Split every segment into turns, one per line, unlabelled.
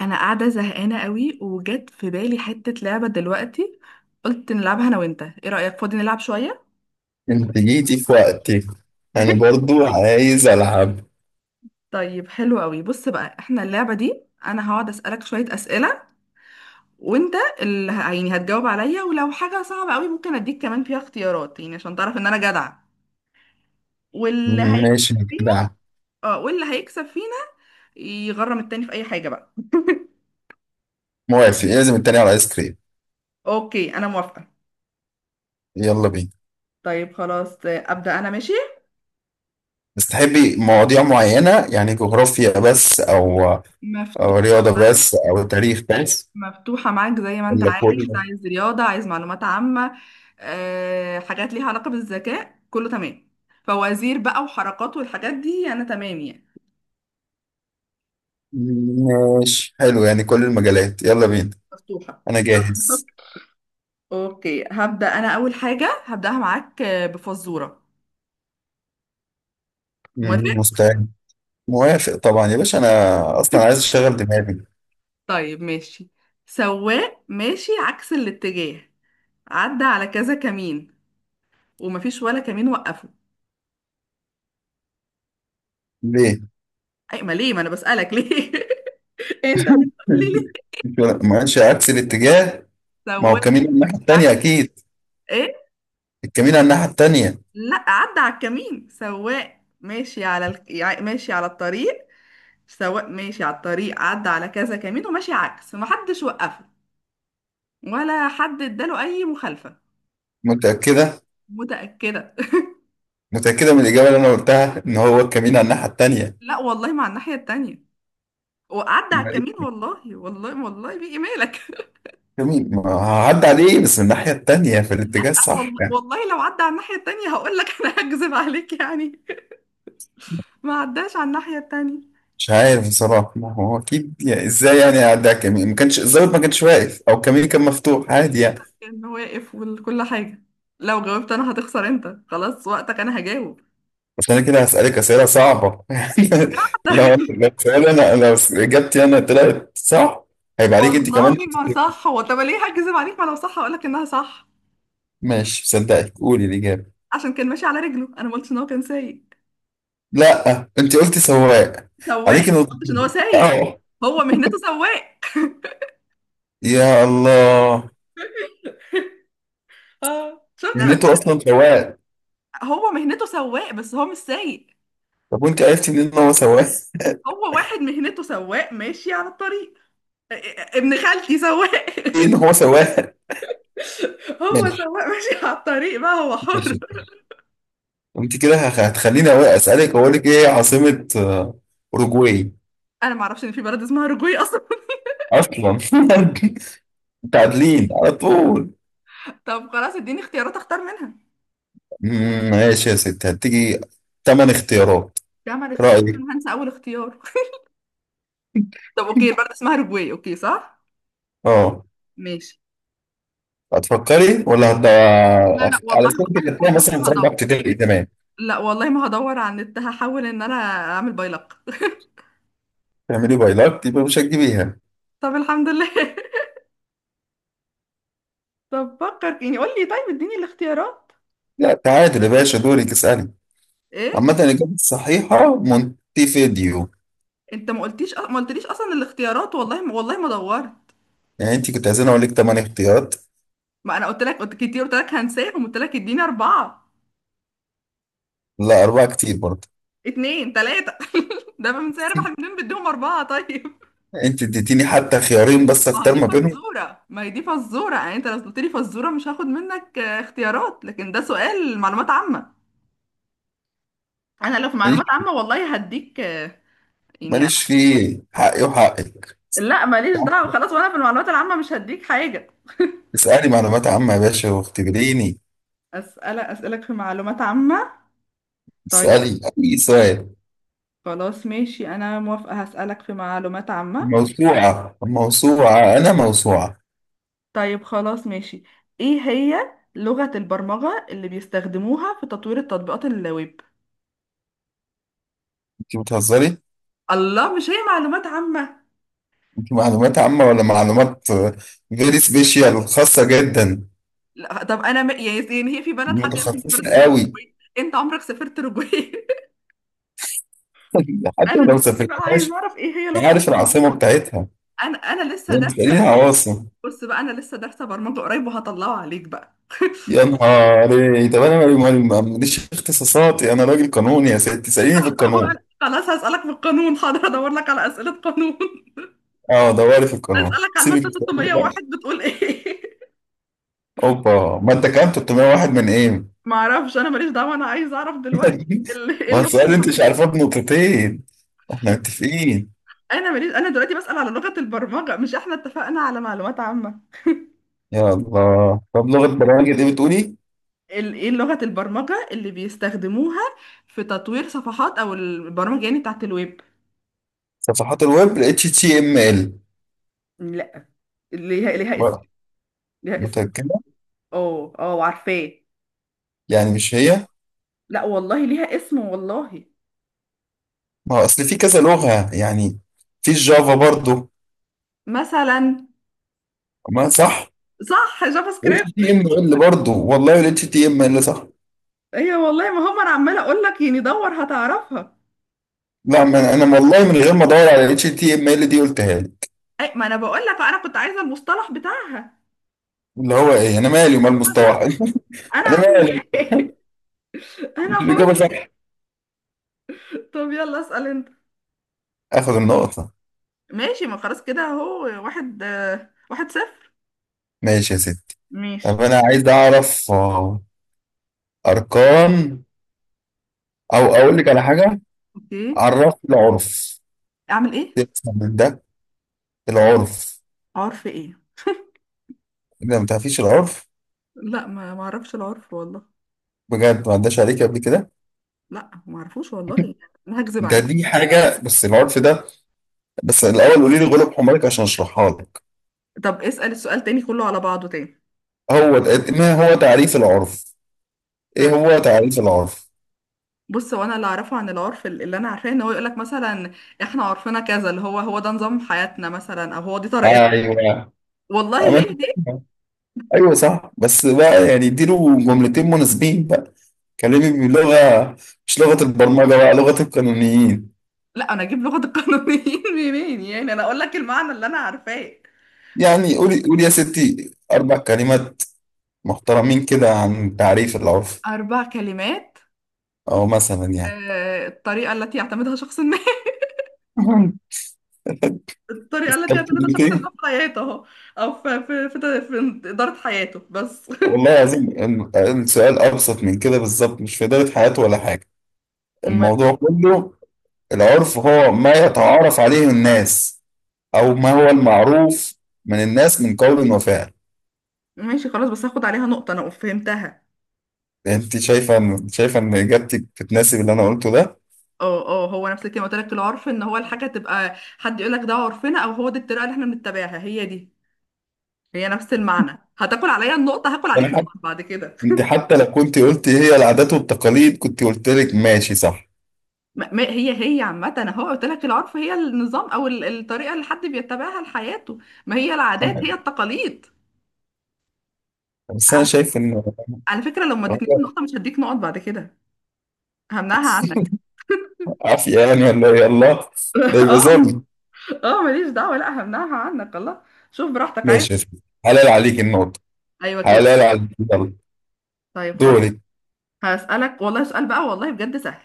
انا قاعده زهقانه قوي، وجت في بالي حته لعبه دلوقتي. قلت نلعبها انا وانت، ايه رايك؟ فاضي نلعب شويه؟
انت جيتي في وقتي. انا برضو عايز العب.
طيب حلو قوي، بص بقى احنا اللعبه دي انا هقعد اسالك شويه اسئله، وانت اللي يعني هتجاوب عليا، ولو حاجه صعبه قوي ممكن اديك كمان فيها اختيارات يعني عشان تعرف ان انا جدعه. واللي هيكسب
ماشي يا
فينا،
جدع.
اه، واللي هيكسب فينا يغرم التاني في اي حاجه بقى.
موافق، لازم التاني على الايس كريم.
اوكي انا موافقه.
يلا بينا.
طيب خلاص، ابدا انا ماشي.
بس تحبي مواضيع معينة يعني جغرافيا بس او او
مفتوحه
رياضة
معايا.
بس او تاريخ بس
مفتوحة معاك زي ما انت
ولا
عايز.
كله؟
عايز رياضة، عايز معلومات عامة، أه، حاجات ليها علاقة بالذكاء، كله تمام. فوازير بقى وحركات والحاجات دي انا تمام يعني.
ماشي حلو يعني كل المجالات، يلا بينا
مفتوحة
انا
يلا.
جاهز.
اوكي هبدأ. انا اول حاجة هبدأها معاك بفزورة. موافق.
مستعد. موافق طبعا يا باشا، انا اصلا عايز اشغل دماغي.
طيب ماشي. سواق ماشي عكس الاتجاه، عدى على كذا كمين، ومفيش ولا كمين وقفه.
ليه؟
اي ما ليه؟ ما انا بسألك ليه. انت اللي بتقول لي ليه.
ما ماشي عكس الاتجاه. ما هو
سواق
كمين الناحية
ماشي
التانية
عكس،
اكيد.
ايه؟
الكمين على الناحية التانية.
لا عدى على الكمين، سواق ماشي على ماشي على الطريق. سواق ماشي على الطريق، عدى على كذا كمين وماشي عكس، محدش وقفه ولا حد اداله اي مخالفة.
متأكدة؟
متأكدة.
متأكدة من الإجابة اللي أنا قلتها إن هو الكمين على الناحية التانية.
لا والله مع الناحية التانية، وعدى على
ما
الكمين،
إيه،
والله والله والله بيجي مالك.
الكمين ما هعدي عليه بس من الناحية التانية في الاتجاه
لا
الصح
والله
يعني.
والله، لو عدى على الناحية التانية هقول لك. انا هكذب عليك يعني؟ ما عداش على الناحية التانية.
مش عارف بصراحة، ما هو أكيد يعني إزاي يعني أعدي على الكمين؟ ما كانش الظابط ما كانش واقف أو الكمين كان مفتوح عادي
لا
يعني.
كان واقف وكل حاجة. لو جاوبت انا هتخسر انت، خلاص وقتك، انا هجاوب.
بس أنا كده هسألك أسئلة صعبة يعني. لو لو سؤال أنا، لو إجابتي أنا طلعت صح هيبقى عليك أنت كمان.
والله ما صح هو، طب ليه هكذب عليك؟ ما لو صح هقول لك انها صح.
ماشي صدقك، قولي الإجابة.
عشان كان ماشي على رجله، انا ما قلتش ان هو كان سايق،
لا أنت قلتي سواق.
سواق. ما
عليك نقطة.
قلتش ان هو سايق،
أه.
هو مهنته سواق.
يا الله،
اه، شفت
يعني
انا؟
انتوا اصلا سواق.
هو مهنته سواق بس هو مش سايق.
طب وانت عرفتي منين ان هو سواق؟
هو واحد مهنته سواق ماشي على الطريق. ابن خالتي سواق.
ايه ان هو سواق.
هو
ماشي.
سواق ماشي على الطريق بقى، هو حر.
ماشي. انت كده هتخليني أوي اسالك. اقول لك ايه عاصمة اوروجواي؟
انا ما اعرفش ان في بلد اسمها رجوي اصلا.
اصلا متعادلين على طول.
طب خلاص اديني اختيارات اختار منها.
ماشي يا ست، هتيجي تمن اختيارات.
جمع الاختيارات،
رايك؟
انا هنسى اول اختيار. طب اوكي، البلد اسمها رجوي، اوكي صح.
اه.
ماشي.
هتفكري ولا؟
لا، لا والله
على سبيل
والله
التخيل
والله
مثلا
ما
في رابعه
هدور.
ابتدائي تمام.
لا والله ما هدور على النت، هحاول ان انا اعمل بايلق.
تعملي بايلات يبقى مش هتجيبيها.
طب الحمد لله. طب فكر يعني قول لي. طيب اديني الاختيارات.
لا تعادل يا باشا، دورك اسالي.
ايه؟
عامة الإجابة الصحيحة مونتيفيديو.
انت ما قلتيش ما قلتليش اصلا الاختيارات، والله ما والله ما دورت.
يعني أنت كنت عايزين أقول لك تمانية اختيارات.
ما انا قلت لك، قلت كتير، قلت لك هنساهم، قلت لك اديني اربعة،
لا أربعة كتير برضه.
اتنين، تلاتة. ده من سعر اربح منين بديهم اربعة؟ طيب.
أنت اديتيني حتى خيارين بس
ما هي
أختار
دي
ما بينهم.
فزورة، ما هي دي فزورة يعني. انت لو قلت لي فزورة مش هاخد منك اختيارات، لكن ده سؤال معلومات عامة. انا لو في معلومات
ماليش.
عامة والله هديك
ماليش
يعني.
فيه حقي وحقك.
لا ماليش دعوة خلاص، وانا في المعلومات العامة مش هديك حاجة.
اسألي معلومات عامة يا باشا واختبريني.
أسألك، أسألك في معلومات عامة. طيب
اسألي أي سؤال.
خلاص ماشي، أنا موافقة، هسألك في معلومات عامة.
موسوعة موسوعة، أنا موسوعة.
طيب خلاص ماشي. إيه هي لغة البرمجة اللي بيستخدموها في تطوير التطبيقات الويب؟
أنت بتهزري؟
الله، مش هي معلومات عامة؟
أنت معلومات عامة ولا معلومات فيري سبيشال خاصة جدا؟
لا طب أنا يعني هي في بلد حد يعرف إن في
متخصصة
بلد اسمها
قوي.
أوروجواي؟ أنت عمرك سافرت أوروجواي؟
حتى
أنا
لو
دلوقتي بقى عايز
سافرتهاش.
أعرف إيه هي لغة
عارف العاصمة
البرمجة.
بتاعتها؟
أنا لسه ده.
انت ليها عواصم؟
بص بقى، انا لسه دارسه برمجه قريب وهطلعه عليك بقى.
يا نهار إيه. طب انا ماليش اختصاصاتي، انا راجل قانوني يا سيدي، تساليني في القانون.
خلاص هسألك في القانون، حاضر ادور لك على اسئله قانون.
اه دوري في القانون،
اسألك على
سيبك من
الماده
السؤال ده بقى.
601 بتقول ايه؟
اوبا، ما انت كام 301 من ايه؟
معرفش، انا ماليش دعوه، انا عايز اعرف دلوقتي ايه
ما هو
لغه
السؤال انت مش
البرمجه.
عارفاه بنقطتين. احنا متفقين.
انا ماليش، انا دلوقتي بسأل على لغه البرمجه. مش احنا اتفقنا على معلومات عامه؟
يا الله، طب لغه برامج ايه بتقولي؟
ايه لغه البرمجه اللي بيستخدموها في تطوير صفحات او البرامج يعني، بتاعت الويب.
صفحات الويب، ال اتش تي ام ال.
لا، ليها اسم.
بقى
ليها اسم.
متاكده؟
اه، اه، عارفاه.
يعني مش هي؟
لا والله ليها اسم والله.
ما هو اصل في كذا لغه يعني، في الجافا برضو.
مثلا.
ما صح؟
صح، جافا سكريبت.
اتش تي ام ال برضه، والله الاتش تي ام ال صح.
ايوه والله، ما هم انا عماله اقول لك يعني دور هتعرفها.
لا ما انا والله من غير ما ادور على الاتش تي ام ال دي قلتها لي.
اي ما انا بقول لك، انا كنت عايزه المصطلح بتاعها.
اللي هو ايه؟ انا مالي ومال
هما
مستوحى
جافا، انا
انا مالي.
عايزاه. انا
مش الاجابه
حر.
صح؟
طب يلا اسال انت.
اخد النقطه.
ماشي، ما خلاص كده اهو، واحد 1-0.
ماشي يا ست.
ماشي.
طب انا عايز اعرف اركان، او اقول لك على حاجه.
اوكي.
عرف العرف؟
اعمل ايه؟
تفهم من ده العرف؟
عرف ايه؟
اذا ما تعرفيش العرف
لا، ما اعرفش العرف والله.
بجد، ما عداش عليك قبل كده؟
لا ما اعرفوش والله، انا هكذب
ده
عليك.
دي حاجه بس العرف ده. بس الاول قولي لي غلب حمارك عشان اشرحها لك.
طب اسأل السؤال تاني كله على بعضه تاني.
ما هو تعريف العرف؟ ايه هو تعريف العرف؟
بص، هو انا اللي اعرفه عن العرف، اللي انا عارفاه ان هو يقولك مثلا احنا عرفنا كذا، اللي هو هو ده نظام حياتنا مثلا او هو دي طريقتنا.
ايوه. أما
والله
أنت
هي دي.
فاهمها. ايوه صح، بس بقى يعني اديله جملتين مناسبين بقى. كلمي بلغه، مش لغه البرمجه بقى، لغه القانونيين.
لا انا اجيب لغة القانونيين منين يعني؟ انا اقول لك المعنى اللي انا عارفاه.
يعني قولي قولي يا ستي اربع كلمات محترمين كده عن تعريف العرف،
اربع كلمات.
او مثلا يعني.
الطريقة التي يعتمدها شخص ما.
مهم.
الطريقة التي يعتمدها شخص
استبدلتين.
ما في حياته اهو، او في إدارة حياته بس.
والله العظيم السؤال ابسط من كده بالظبط، مش في اداره حياته ولا حاجه.
أمال
الموضوع
إيه؟
كله، العرف هو ما يتعارف عليه الناس، أو ما هو المعروف من الناس من قول وفعل.
ماشي خلاص، بس هاخد عليها نقطة، انا فهمتها.
أنت شايفة إن، شايفة إن إجابتك بتناسب اللي أنا قلته ده؟
اه، اه، هو نفس الكلمه. قلت لك العرف ان هو الحاجه، تبقى حد يقول لك ده عرفنا او هو دي الطريقه اللي احنا بنتبعها. هي دي، هي نفس المعنى. هتاكل عليا النقطه؟ هاكل عليك
أنا حتى،
نقط بعد كده.
أنت حتى لو كنت قلت هي العادات والتقاليد كنت قلت لك ماشي صح.
ما ما- هي هي عامه. انا هو قلت لك العرف هي النظام او الطريقه اللي حد بيتبعها لحياته. ما هي العادات هي التقاليد.
بس أنا
على
شايف إن
على فكره لو ما ادتنيش النقطه مش هديك نقط بعد كده. همنعها عنك.
عافية يعني ولا يلا؟ ده يبقى
اه،
ظلم.
اه ماليش دعوه. لا همنعها عنك، الله. شوف براحتك عايز.
ماشي يا سيدي. حلال عليك النقطة.
ايوه كده.
حلال عليك، يلا.
طيب خلاص.
دورك.
هسألك والله سؤال بقى والله بجد سهل.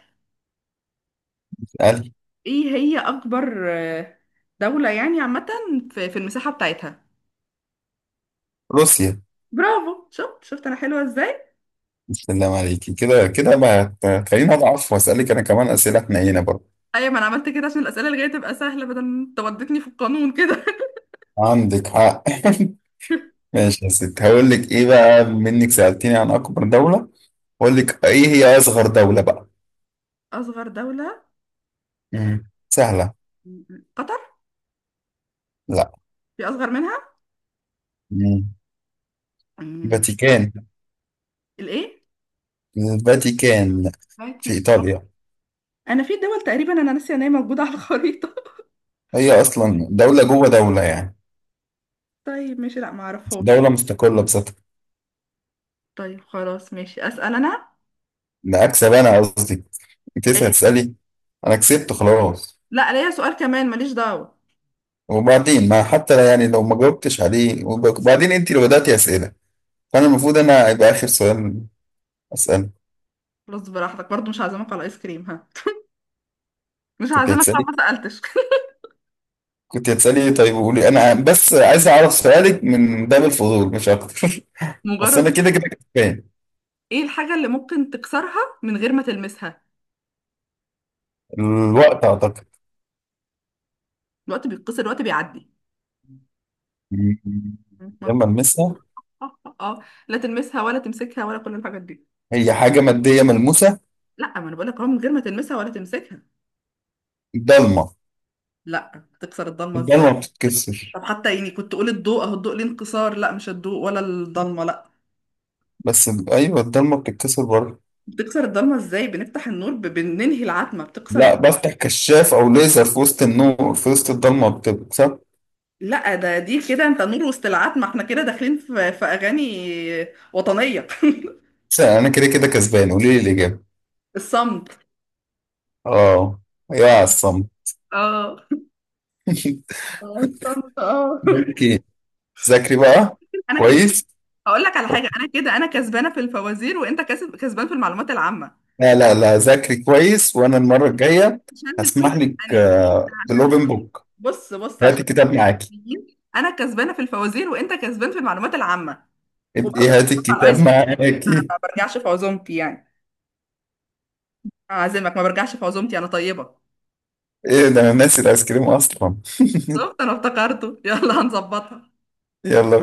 اسألي.
ايه هي اكبر دولة يعني عامة في المساحة بتاعتها؟
روسيا.
برافو، شفت، شفت انا حلوة ازاي.
السلام عليكي كده كده، ما ت- خليني أضعف وأسألك أنا كمان أسئلة حنينة برضه.
ايوه، ما انا عملت كده عشان الاسئلة اللي جاية تبقى سهلة، بدل ما انت ودتني في القانون كده.
عندك حق. ماشي يا ست، هقول لك ايه بقى منك؟ سألتيني عن اكبر دولة، هقول لك ايه هي اصغر دولة بقى.
اصغر دولة؟
مم. سهلة.
قطر.
لا.
في اصغر منها؟
مم.
أمم،
فاتيكان.
الايه؟
الفاتيكان،
باتي.
في ايطاليا.
انا في دول تقريبا انا ناسيه ان هي موجودة على الخريطة.
هي اصلا دولة جوه دولة يعني،
طيب ماشي، لا ما اعرفهاش.
دولة مستقلة بذاتها.
طيب خلاص ماشي، اسأل انا.
ده اكسب انا قصدي. انت لسه
ايه؟
هتسألي؟ انا كسبت خلاص.
لا ليا سؤال كمان ماليش دعوة.
وبعدين ما حتى يعني لو ما جاوبتش عليه، وبعدين انت اللي بدأتي اسئلة، فانا المفروض انا يبقى اخر سؤال اسأله.
خلاص براحتك، برضو مش هعزمك على ايس كريم، ها. مش
كنت
هعزمك لو
هتسألي،
ما سألتش.
كنت هتسألي ايه طيب؟ وقولي، انا بس عايز اعرف سؤالك من باب الفضول مش اكتر بس
مجرد.
انا كده كده كسبان.
ايه الحاجة اللي ممكن تكسرها من غير ما تلمسها؟
الوقت اعتقد.
الوقت بيتكسر؟ الوقت بيعدي.
مم،
اه.
لما المسها.
اه. لا تلمسها ولا تمسكها ولا كل الحاجات دي.
هي حاجة مادية ملموسة.
لا ما انا بقول لك اهو من غير ما تلمسها ولا تمسكها.
الضلمة.
لا تكسر الضلمة ازاي؟
الضلمة بتتكسر.
طب حتى يعني كنت تقول الضوء، اهو الضوء ليه انكسار. لا مش الضوء ولا الضلمة، لا.
بس ايوه الضلمة بتتكسر برضه.
بتكسر الضلمة ازاي؟ بنفتح النور، بننهي العتمة، بتكسر
لا،
الضلمة.
بفتح كشاف او ليزر في وسط النور، في وسط الضلمة بتكسر.
لا ده دي كده انت نور وسط العتمة، احنا كده داخلين في اغاني وطنية.
بس انا كده كده كسبان، قولي لي الاجابة.
الصمت.
اه. يا عصام
اه. اه، الصمت، اه.
اوكي. ذاكري بقى.
انا كده،
كويس.
هقول لك على حاجه. انا كده انا كسبانه في الفوازير، وانت كسبان في المعلومات العامه.
لا ذاكري كويس وانا المره الجايه
عشان نكون
هسمح لك
حقانيين عشان
بالاوبن
نكون-
بوك.
بص، بص،
هاتي
عشان نكون
الكتاب معاكي.
حقانيين. انا كسبانه في الفوازير، وانت كسبان في المعلومات العامه.
إنت
وبرضه
ايه، هاتي
هتعرف على
الكتاب
الايس كريم. انا
معاكي.
ما برجعش في عزومتي يعني، اعزمك. ما برجعش في عزومتي، انا طيبه.
ايه ده، انا ناسي الايس كريم اصلا.
شفت انا افتكرته، يلا هنظبطها.
يلا.